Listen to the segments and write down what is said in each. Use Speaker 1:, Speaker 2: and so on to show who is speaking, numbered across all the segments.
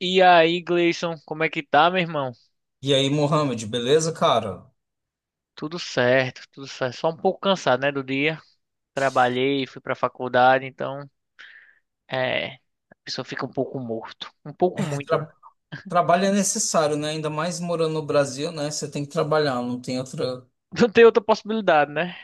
Speaker 1: E aí, Gleison, como é que tá, meu irmão?
Speaker 2: E aí, Mohamed, beleza, cara?
Speaker 1: Tudo certo, tudo certo. Só um pouco cansado, né, do dia. Trabalhei, fui pra faculdade, então, a pessoa fica um pouco morto. Um pouco
Speaker 2: É,
Speaker 1: muito, né?
Speaker 2: tra- Trabalho é necessário, né? Ainda mais morando no Brasil, né? Você tem que trabalhar, não tem outra.
Speaker 1: Não tem outra possibilidade, né?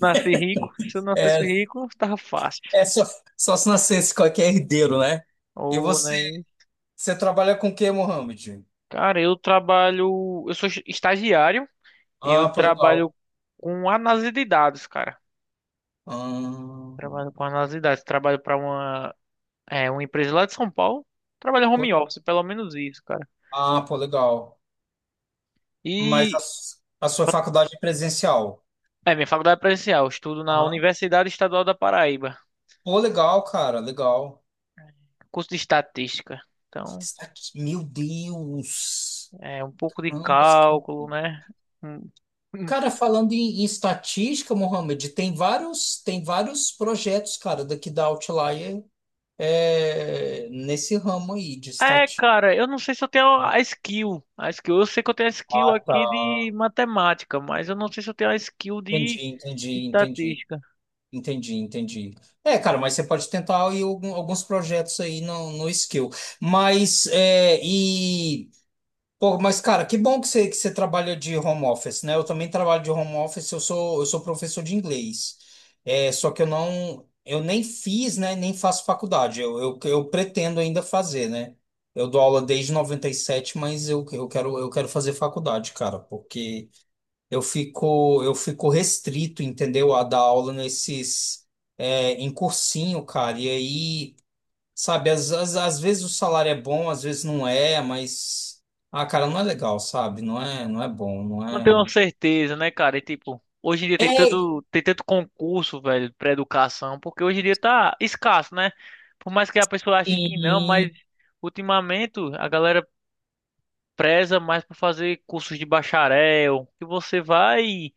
Speaker 1: Nasci rico, se eu nascesse
Speaker 2: É,
Speaker 1: rico, tava fácil.
Speaker 2: é só, Só se nascesse qualquer herdeiro, né? E
Speaker 1: Ou,
Speaker 2: você,
Speaker 1: né?
Speaker 2: você trabalha com o quê, Mohamed?
Speaker 1: Cara, eu trabalho, eu sou estagiário, eu
Speaker 2: Ah, pô, legal.
Speaker 1: trabalho com análise de dados, cara.
Speaker 2: Ah,
Speaker 1: Trabalho com análise de dados, trabalho pra uma empresa lá de São Paulo. Trabalho home
Speaker 2: pô,
Speaker 1: office, pelo menos isso, cara.
Speaker 2: ah, pô, legal. Mas
Speaker 1: E
Speaker 2: a sua faculdade é presencial?
Speaker 1: minha faculdade é presencial, eu estudo na
Speaker 2: Aham.
Speaker 1: Universidade Estadual da Paraíba,
Speaker 2: Pô, legal, cara, legal.
Speaker 1: curso de estatística. Então,
Speaker 2: Está aqui, meu Deus.
Speaker 1: é um pouco de
Speaker 2: Caramba,
Speaker 1: cálculo, né? Hum, hum.
Speaker 2: cara, falando em estatística, Mohamed, tem tem vários projetos, cara, daqui da Outlier, nesse ramo aí de
Speaker 1: É,
Speaker 2: estatística.
Speaker 1: cara, eu não sei se eu tenho a skill. A skill, eu sei que eu tenho a skill
Speaker 2: Ah, tá.
Speaker 1: aqui de matemática, mas eu não sei se eu tenho a skill de
Speaker 2: Entendi, entendi, entendi,
Speaker 1: estatística.
Speaker 2: entendi. É, cara, mas você pode tentar aí alguns projetos aí no Skill. Mas, é, e. Pô, mas cara, que bom que você trabalha de home office, né? Eu também trabalho de home office, eu sou professor de inglês. É, só que eu nem fiz, né? Nem faço faculdade. Eu pretendo ainda fazer, né? Eu dou aula desde 97, mas eu quero fazer faculdade, cara, porque eu fico restrito, entendeu? A dar aula em cursinho, cara. E aí. Sabe, às vezes o salário é bom, às vezes não é, mas. Ah, cara, não é legal, sabe? Não é bom, não
Speaker 1: Não tenho
Speaker 2: é.
Speaker 1: certeza, né, cara? E, tipo, hoje em dia tem
Speaker 2: É,
Speaker 1: tanto, tem tanto concurso, velho, pra educação, porque hoje em dia tá escasso, né? Por mais que a pessoa ache que não, mas
Speaker 2: e.
Speaker 1: ultimamente a galera preza mais por fazer cursos de bacharel, que você vai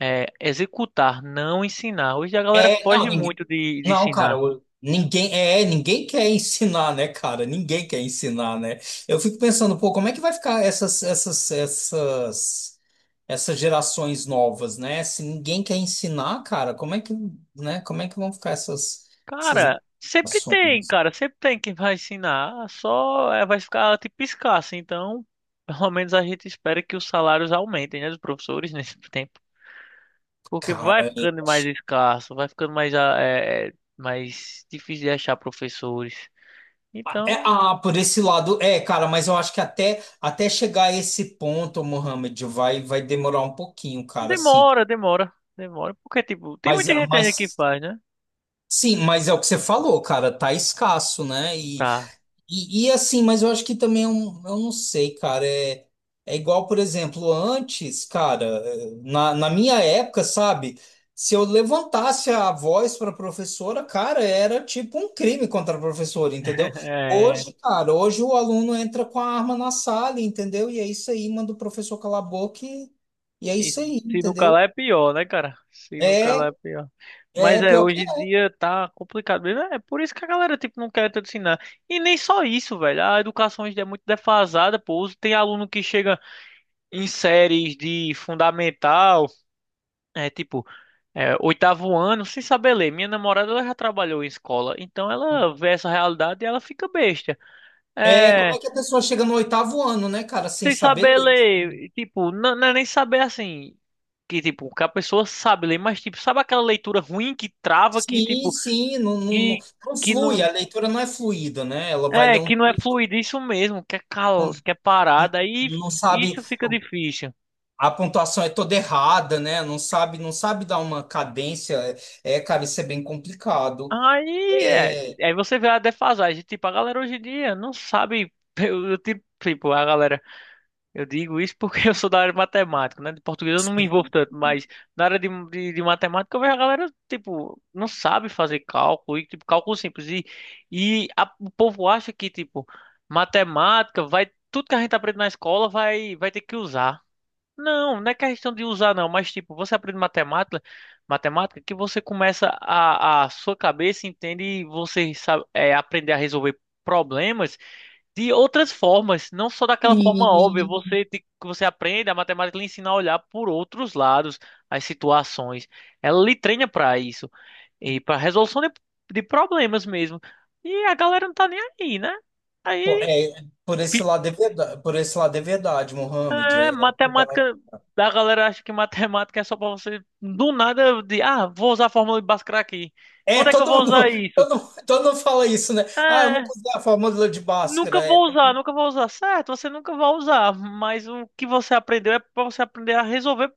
Speaker 1: executar, não ensinar. Hoje a galera
Speaker 2: É, não,
Speaker 1: foge
Speaker 2: ninguém.
Speaker 1: muito de
Speaker 2: Não, cara,
Speaker 1: ensinar.
Speaker 2: ninguém. É, ninguém quer ensinar, né, cara? Ninguém quer ensinar, né? Eu fico pensando, pô, como é que vai ficar essas gerações novas, né? Se ninguém quer ensinar, cara, né? Como é que vão ficar essas gerações?
Speaker 1: Cara, sempre tem quem vai ensinar, só vai ficar tipo escasso, então pelo menos a gente espera que os salários aumentem, né, dos professores nesse tempo, porque vai
Speaker 2: Cara, eu
Speaker 1: ficando mais
Speaker 2: acho.
Speaker 1: escasso, vai ficando mais, ah, mais difícil de achar professores,
Speaker 2: É,
Speaker 1: então
Speaker 2: ah, por esse lado, é, cara, mas eu acho que até chegar a esse ponto, Mohamed, vai demorar um pouquinho, cara, assim.
Speaker 1: demora, demora, demora, porque tipo, tem
Speaker 2: Mas,
Speaker 1: muita gente ainda que
Speaker 2: mas
Speaker 1: faz, né?
Speaker 2: sim, mas é o que você falou, cara, tá escasso, né? E,
Speaker 1: Tá.
Speaker 2: e assim, mas eu acho que também eu não sei, cara. É, é igual, por exemplo, antes, cara, na minha época, sabe? Se eu levantasse a voz para professora, cara, era tipo um crime contra a professora, entendeu?
Speaker 1: É.
Speaker 2: Hoje, cara, hoje o aluno entra com a arma na sala, entendeu? E é isso aí, manda o professor calar a boca e é
Speaker 1: E
Speaker 2: isso aí,
Speaker 1: se não
Speaker 2: entendeu?
Speaker 1: calar é pior, né, cara? Se não calar
Speaker 2: É,
Speaker 1: é pior. Mas
Speaker 2: é pior
Speaker 1: hoje
Speaker 2: que
Speaker 1: em dia tá complicado mesmo. É por isso que a galera, tipo, não quer te ensinar. E nem só isso, velho. A educação hoje em dia é muito defasada, pô. Tem aluno que chega em séries de fundamental, tipo, oitavo ano, sem saber ler. Minha namorada, ela já trabalhou em escola. Então ela vê essa realidade e ela fica besta.
Speaker 2: é. Como
Speaker 1: É.
Speaker 2: é que a pessoa chega no oitavo ano, né, cara, sem
Speaker 1: Sem
Speaker 2: saber
Speaker 1: saber
Speaker 2: ler?
Speaker 1: ler, tipo, não, não é nem saber assim, que tipo, que a pessoa sabe ler, mas tipo, sabe aquela leitura ruim que trava, que
Speaker 2: Sim,
Speaker 1: tipo,
Speaker 2: sim, não, não, não,
Speaker 1: que,
Speaker 2: não
Speaker 1: que
Speaker 2: flui,
Speaker 1: não,
Speaker 2: a leitura não é fluida, né? Ela vai
Speaker 1: é,
Speaker 2: ler um
Speaker 1: que não é
Speaker 2: texto,
Speaker 1: fluido isso mesmo, que é cal,
Speaker 2: não,
Speaker 1: que é parada, aí
Speaker 2: não sabe,
Speaker 1: isso fica difícil.
Speaker 2: a pontuação é toda errada, né? Não sabe, não sabe dar uma cadência. É, cara, isso é bem complicado.
Speaker 1: Aí,
Speaker 2: É,
Speaker 1: aí você vê a defasagem, tipo, a galera hoje em dia não sabe, tipo, a galera. Eu digo isso porque eu sou da área de matemática, né? De português eu não me envolvo
Speaker 2: sim,
Speaker 1: tanto, mas na área de matemática eu vejo a galera, tipo, não sabe fazer cálculo, e, tipo, cálculo simples. O povo acha que, tipo, matemática vai, tudo que a gente aprende na escola vai, ter que usar. Não, não é questão de usar, não, mas, tipo, você aprende matemática, matemática que você começa a sua cabeça entende e você sabe, aprender a resolver problemas de outras formas, não só daquela forma óbvia.
Speaker 2: sim.
Speaker 1: Que você aprende, a matemática lhe ensina a olhar por outros lados, as situações. Ela lhe treina para isso e para resolução de problemas mesmo. E a galera não tá nem aí, né?
Speaker 2: Pô,
Speaker 1: Aí,
Speaker 2: é, por esse
Speaker 1: fi-
Speaker 2: lado é verdade, por esse lado é verdade, Mohamed, é verdade.
Speaker 1: matemática, da galera acha que matemática é só para você do nada de, ah, vou usar a fórmula de Bhaskara aqui.
Speaker 2: É,
Speaker 1: Onde é que eu
Speaker 2: todo
Speaker 1: vou usar
Speaker 2: mundo,
Speaker 1: isso?
Speaker 2: todo, todo mundo fala isso, né? Ah, eu não
Speaker 1: É,
Speaker 2: usei a fórmula de Bhaskara,
Speaker 1: nunca vou usar, nunca vou usar. Certo, você nunca vai usar, mas o que você aprendeu é para você aprender a resolver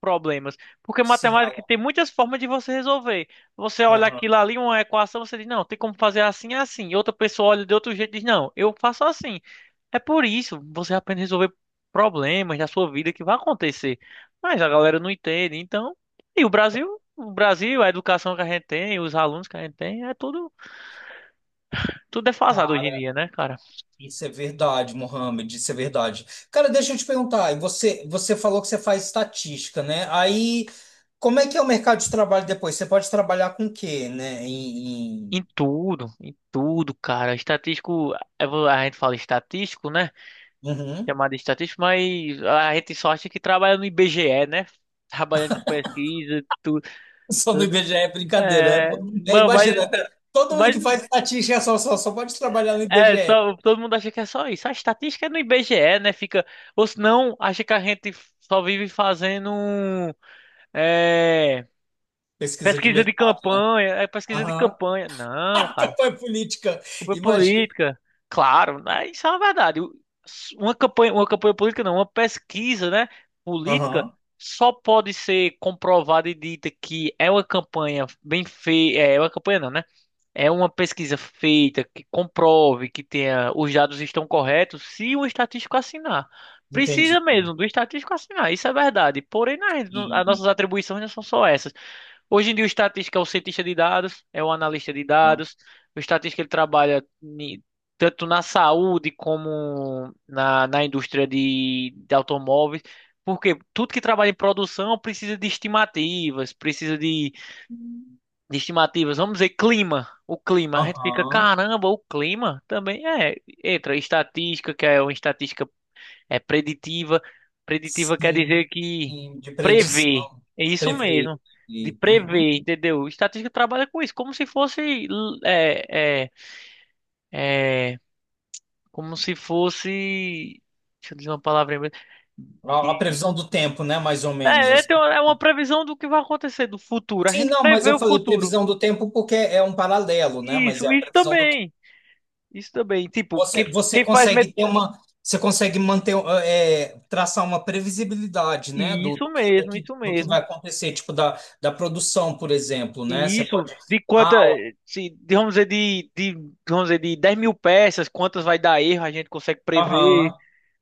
Speaker 1: problemas. Porque
Speaker 2: sim,
Speaker 1: matemática
Speaker 2: Alan.
Speaker 1: tem muitas formas de você resolver. Você olha
Speaker 2: Uhum.
Speaker 1: aquilo ali, uma equação, você diz, não, tem como fazer assim, assim. E outra pessoa olha de outro jeito e diz, não, eu faço assim. É por isso, você aprende a resolver problemas da sua vida que vai acontecer. Mas a galera não entende, então... E o Brasil, a educação que a gente tem, os alunos que a gente tem, é tudo, tudo defasado hoje em
Speaker 2: Cara,
Speaker 1: dia, né, cara?
Speaker 2: isso é verdade, Mohamed, isso é verdade. Cara, deixa eu te perguntar, você falou que você faz estatística, né? Aí, como é que é o mercado de trabalho depois? Você pode trabalhar com o quê, né? Em, em-
Speaker 1: Em tudo, cara. Estatístico, é a gente fala estatístico, né?
Speaker 2: Uhum.
Speaker 1: Chamada estatística, mas a gente só acha que trabalha no IBGE, né? Trabalhando com pesquisa, tudo,
Speaker 2: Só no
Speaker 1: tudo.
Speaker 2: IBGE é brincadeira, né? Pô?
Speaker 1: É,
Speaker 2: É, imagina, cara, todo mundo
Speaker 1: mas
Speaker 2: que faz estatística é só pode trabalhar no
Speaker 1: é
Speaker 2: IBGE.
Speaker 1: só, todo mundo acha que é só isso. A estatística é no IBGE, né? Fica, ou senão acha que a gente só vive fazendo é,
Speaker 2: Pesquisa de
Speaker 1: pesquisa de
Speaker 2: mercado.
Speaker 1: campanha, é pesquisa de
Speaker 2: Aham.
Speaker 1: campanha. Não.
Speaker 2: Campanha política,
Speaker 1: Campanha
Speaker 2: imagina.
Speaker 1: política, claro, né? Isso é uma verdade. Uma campanha política não, uma pesquisa, né, política
Speaker 2: Aham.
Speaker 1: só pode ser comprovada e dita que é uma campanha bem feita, é uma campanha não, né? É uma pesquisa feita que comprove que tenha os dados estão corretos se o estatístico assinar. Precisa
Speaker 2: Entendi.
Speaker 1: mesmo do estatístico assinar, isso é verdade. Porém, as
Speaker 2: Sim.
Speaker 1: nossas atribuições não são só essas. Hoje em dia o estatístico é o cientista de dados, é o analista de
Speaker 2: Aham.
Speaker 1: dados. O estatístico ele trabalha tanto na saúde como na indústria de automóveis. Porque tudo que trabalha em produção precisa de estimativas, precisa de estimativas. Vamos dizer, clima. O clima. A gente fica,
Speaker 2: Aham.
Speaker 1: caramba, o clima também é. Entra estatística, que é uma estatística preditiva. Preditiva quer
Speaker 2: Sim.
Speaker 1: dizer que
Speaker 2: Sim, de
Speaker 1: prevê.
Speaker 2: predição,
Speaker 1: É isso
Speaker 2: prever.
Speaker 1: mesmo. De
Speaker 2: E, uhum.
Speaker 1: prever, entendeu? Estatística trabalha com isso, como se fosse. É, é, é, como se fosse. Deixa eu dizer uma palavra em inglês.
Speaker 2: A
Speaker 1: De-
Speaker 2: previsão do tempo, né? Mais ou menos.
Speaker 1: É, é
Speaker 2: Assim.
Speaker 1: ter uma é uma previsão do que vai acontecer do futuro. A
Speaker 2: Sim,
Speaker 1: gente
Speaker 2: não, mas
Speaker 1: prevê
Speaker 2: eu
Speaker 1: o
Speaker 2: falei
Speaker 1: futuro.
Speaker 2: previsão do tempo porque é um paralelo, né? Mas é
Speaker 1: Isso,
Speaker 2: a
Speaker 1: isso
Speaker 2: previsão do tempo.
Speaker 1: também. Isso também. Tipo, quem,
Speaker 2: Você
Speaker 1: quem faz.
Speaker 2: consegue ter uma. Você consegue manter, é, traçar uma previsibilidade, né?
Speaker 1: Isso mesmo, isso
Speaker 2: Do que
Speaker 1: mesmo.
Speaker 2: vai acontecer, tipo, da produção, por exemplo, né?
Speaker 1: E
Speaker 2: Você
Speaker 1: isso,
Speaker 2: pode.
Speaker 1: de quanta,
Speaker 2: Ah, ó,
Speaker 1: se, de- vamos dizer, de 10.000 peças, quantas vai dar erro, a gente consegue
Speaker 2: aham.
Speaker 1: prever.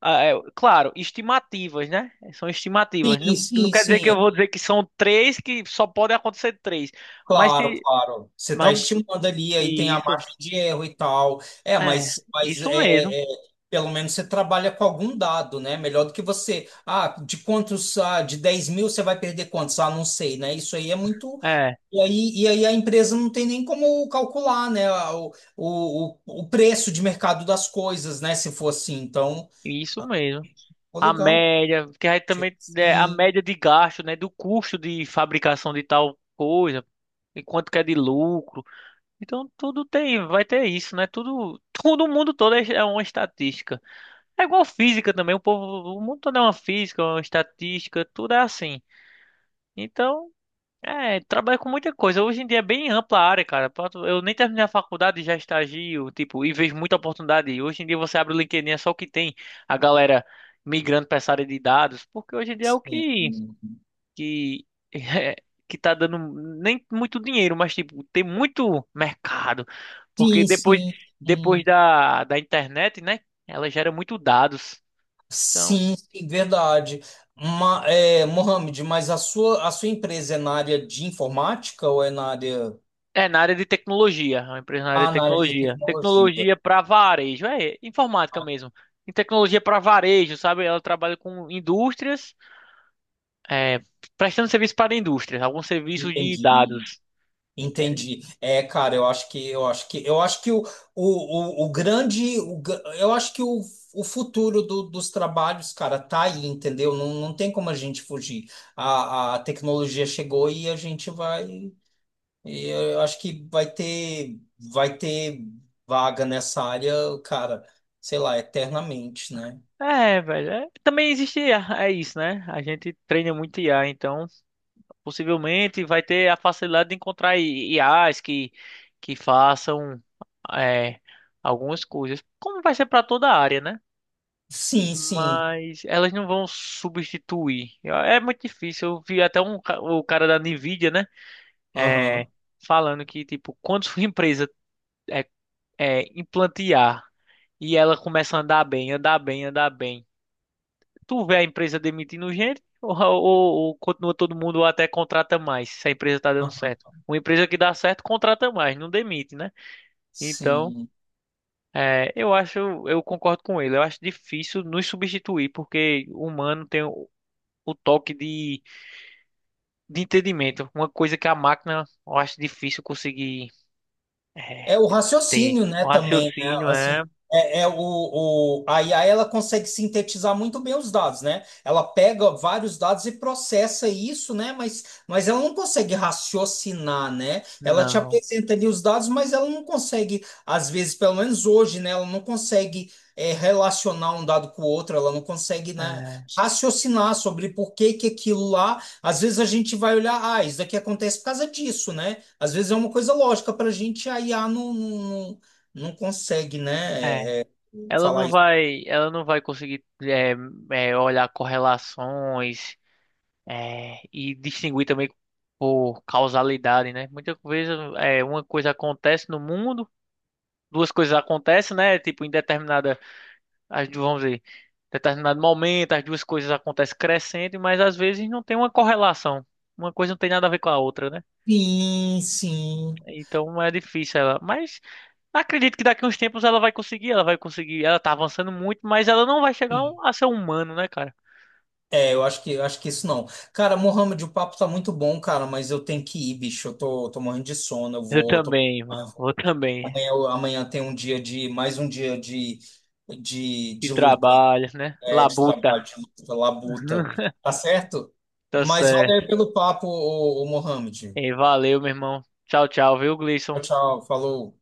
Speaker 1: Ah, claro, estimativas, né? São estimativas. Não, não quer dizer que eu
Speaker 2: Sim.
Speaker 1: vou dizer que são três, que só podem acontecer três. Mas
Speaker 2: Claro,
Speaker 1: se.
Speaker 2: claro. Você
Speaker 1: Mas
Speaker 2: está
Speaker 1: vamos,
Speaker 2: estimando ali, aí tem a
Speaker 1: isso,
Speaker 2: margem de erro e tal.
Speaker 1: é, isso mesmo.
Speaker 2: É, pelo menos você trabalha com algum dado, né? Melhor do que você. Ah, de quantos, ah, de 10 mil você vai perder quantos? Ah, não sei, né? Isso aí é muito.
Speaker 1: É,
Speaker 2: E aí a empresa não tem nem como calcular, né? O preço de mercado das coisas, né? Se for assim. Então,
Speaker 1: isso
Speaker 2: ah,
Speaker 1: mesmo.
Speaker 2: pô,
Speaker 1: A
Speaker 2: legal.
Speaker 1: média, que aí também a
Speaker 2: Sim,
Speaker 1: média de gasto, né? Do custo de fabricação de tal coisa, e quanto que é de lucro. Então tudo tem, vai ter isso, né? Tudo, todo o mundo todo é uma estatística. É igual física também, o povo, o mundo todo é uma física, uma estatística, tudo é assim. Então, trabalha com muita coisa. Hoje em dia é bem ampla a área, cara. Eu nem terminei a faculdade e já estagio, tipo, e vejo muita oportunidade. Hoje em dia você abre o LinkedIn, é só o que tem a galera migrando para essa área de dados, porque hoje em dia é o que
Speaker 2: sim.
Speaker 1: que que tá dando nem muito dinheiro, mas tipo, tem muito mercado, porque
Speaker 2: Sim, sim.
Speaker 1: depois
Speaker 2: Sim.
Speaker 1: da internet, né, ela gera muito dados. Então,
Speaker 2: Sim, sim, verdade. Mohamed, mas a sua empresa é na área de informática ou é
Speaker 1: é na área de tecnologia, é uma empresa na área
Speaker 2: ah,
Speaker 1: de
Speaker 2: na área de
Speaker 1: tecnologia.
Speaker 2: tecnologia?
Speaker 1: Tecnologia para varejo, é informática
Speaker 2: Ah,
Speaker 1: mesmo. Em tecnologia para varejo, sabe? Ela trabalha com indústrias, é, prestando serviço para indústrias, alguns serviços de
Speaker 2: entendi,
Speaker 1: dados. Entende?
Speaker 2: entendi. É, cara, eu acho que o grande, eu acho que o futuro dos trabalhos, cara, tá aí, entendeu? Não tem como a gente fugir. A tecnologia chegou e a gente vai. E eu acho que vai ter vaga nessa área, cara, sei lá, eternamente, né?
Speaker 1: É, velho. Também existe, é isso, né? A gente treina muito IA, então. Possivelmente vai ter a facilidade de encontrar IAs que façam é, algumas coisas, como vai ser para toda a área, né?
Speaker 2: Sim, sim.
Speaker 1: Mas elas não vão substituir. É muito difícil. Eu vi até um, o cara da Nvidia, né? É,
Speaker 2: Aham,
Speaker 1: falando que, tipo, quando sua empresa é, implantear e ela começa a andar bem, andar bem, andar bem. Tu vê a empresa demitindo gente ou continua todo mundo ou até contrata mais, se a empresa tá dando
Speaker 2: aham.
Speaker 1: certo. Uma empresa que dá certo contrata mais, não demite, né? Então,
Speaker 2: Sim.
Speaker 1: eu acho, eu concordo com ele. Eu acho difícil nos substituir, porque o humano tem o toque de entendimento. Uma coisa que a máquina, eu acho difícil conseguir. É,
Speaker 2: É o raciocínio, né,
Speaker 1: o
Speaker 2: também, né?
Speaker 1: raciocínio é.
Speaker 2: Assim, é, é o, a IA ela consegue sintetizar muito bem os dados, né? Ela pega vários dados e processa isso, né? Mas ela não consegue raciocinar, né? Ela te
Speaker 1: Não.
Speaker 2: apresenta ali os dados, mas ela não consegue, às vezes, pelo menos hoje, né? Ela não consegue é, relacionar um dado com o outro, ela não consegue, né,
Speaker 1: É.
Speaker 2: raciocinar sobre por que que aquilo lá às vezes a gente vai olhar, ah, isso daqui acontece por causa disso, né? Às vezes é uma coisa lógica para a gente, a IA não não consegue,
Speaker 1: É.
Speaker 2: né, é, é, falar isso.
Speaker 1: Ela não vai conseguir olhar correlações. É, e distinguir também por causalidade, né? Muitas vezes uma coisa acontece no mundo, duas coisas acontecem, né? Tipo, em determinada, vamos dizer, determinado momento, as duas coisas acontecem crescendo, mas às vezes não tem uma correlação. Uma coisa não tem nada a ver com a outra, né?
Speaker 2: Sim, sim.
Speaker 1: Então é difícil ela. Mas acredito que daqui a uns tempos ela vai conseguir, ela vai conseguir. Ela tá avançando muito, mas ela não vai chegar
Speaker 2: Sim.
Speaker 1: a ser um humano, né, cara?
Speaker 2: É, eu acho que isso não. Cara, Mohamed, o papo tá muito bom, cara, mas eu tenho que ir, bicho. Tô morrendo de sono, eu
Speaker 1: Eu
Speaker 2: vou, tô-
Speaker 1: também,
Speaker 2: eu
Speaker 1: mano. Eu
Speaker 2: vou-
Speaker 1: também.
Speaker 2: amanhã, amanhã tem um dia de, mais um dia
Speaker 1: E
Speaker 2: de luta.
Speaker 1: trabalho, né?
Speaker 2: É, de
Speaker 1: Labuta.
Speaker 2: trabalho, de luta, labuta. Tá certo?
Speaker 1: Tá
Speaker 2: Mas
Speaker 1: certo.
Speaker 2: valeu pelo papo, o, Mohamed.
Speaker 1: E valeu, meu irmão. Tchau, tchau, viu, Gleison?
Speaker 2: Tchau, tchau. Falou.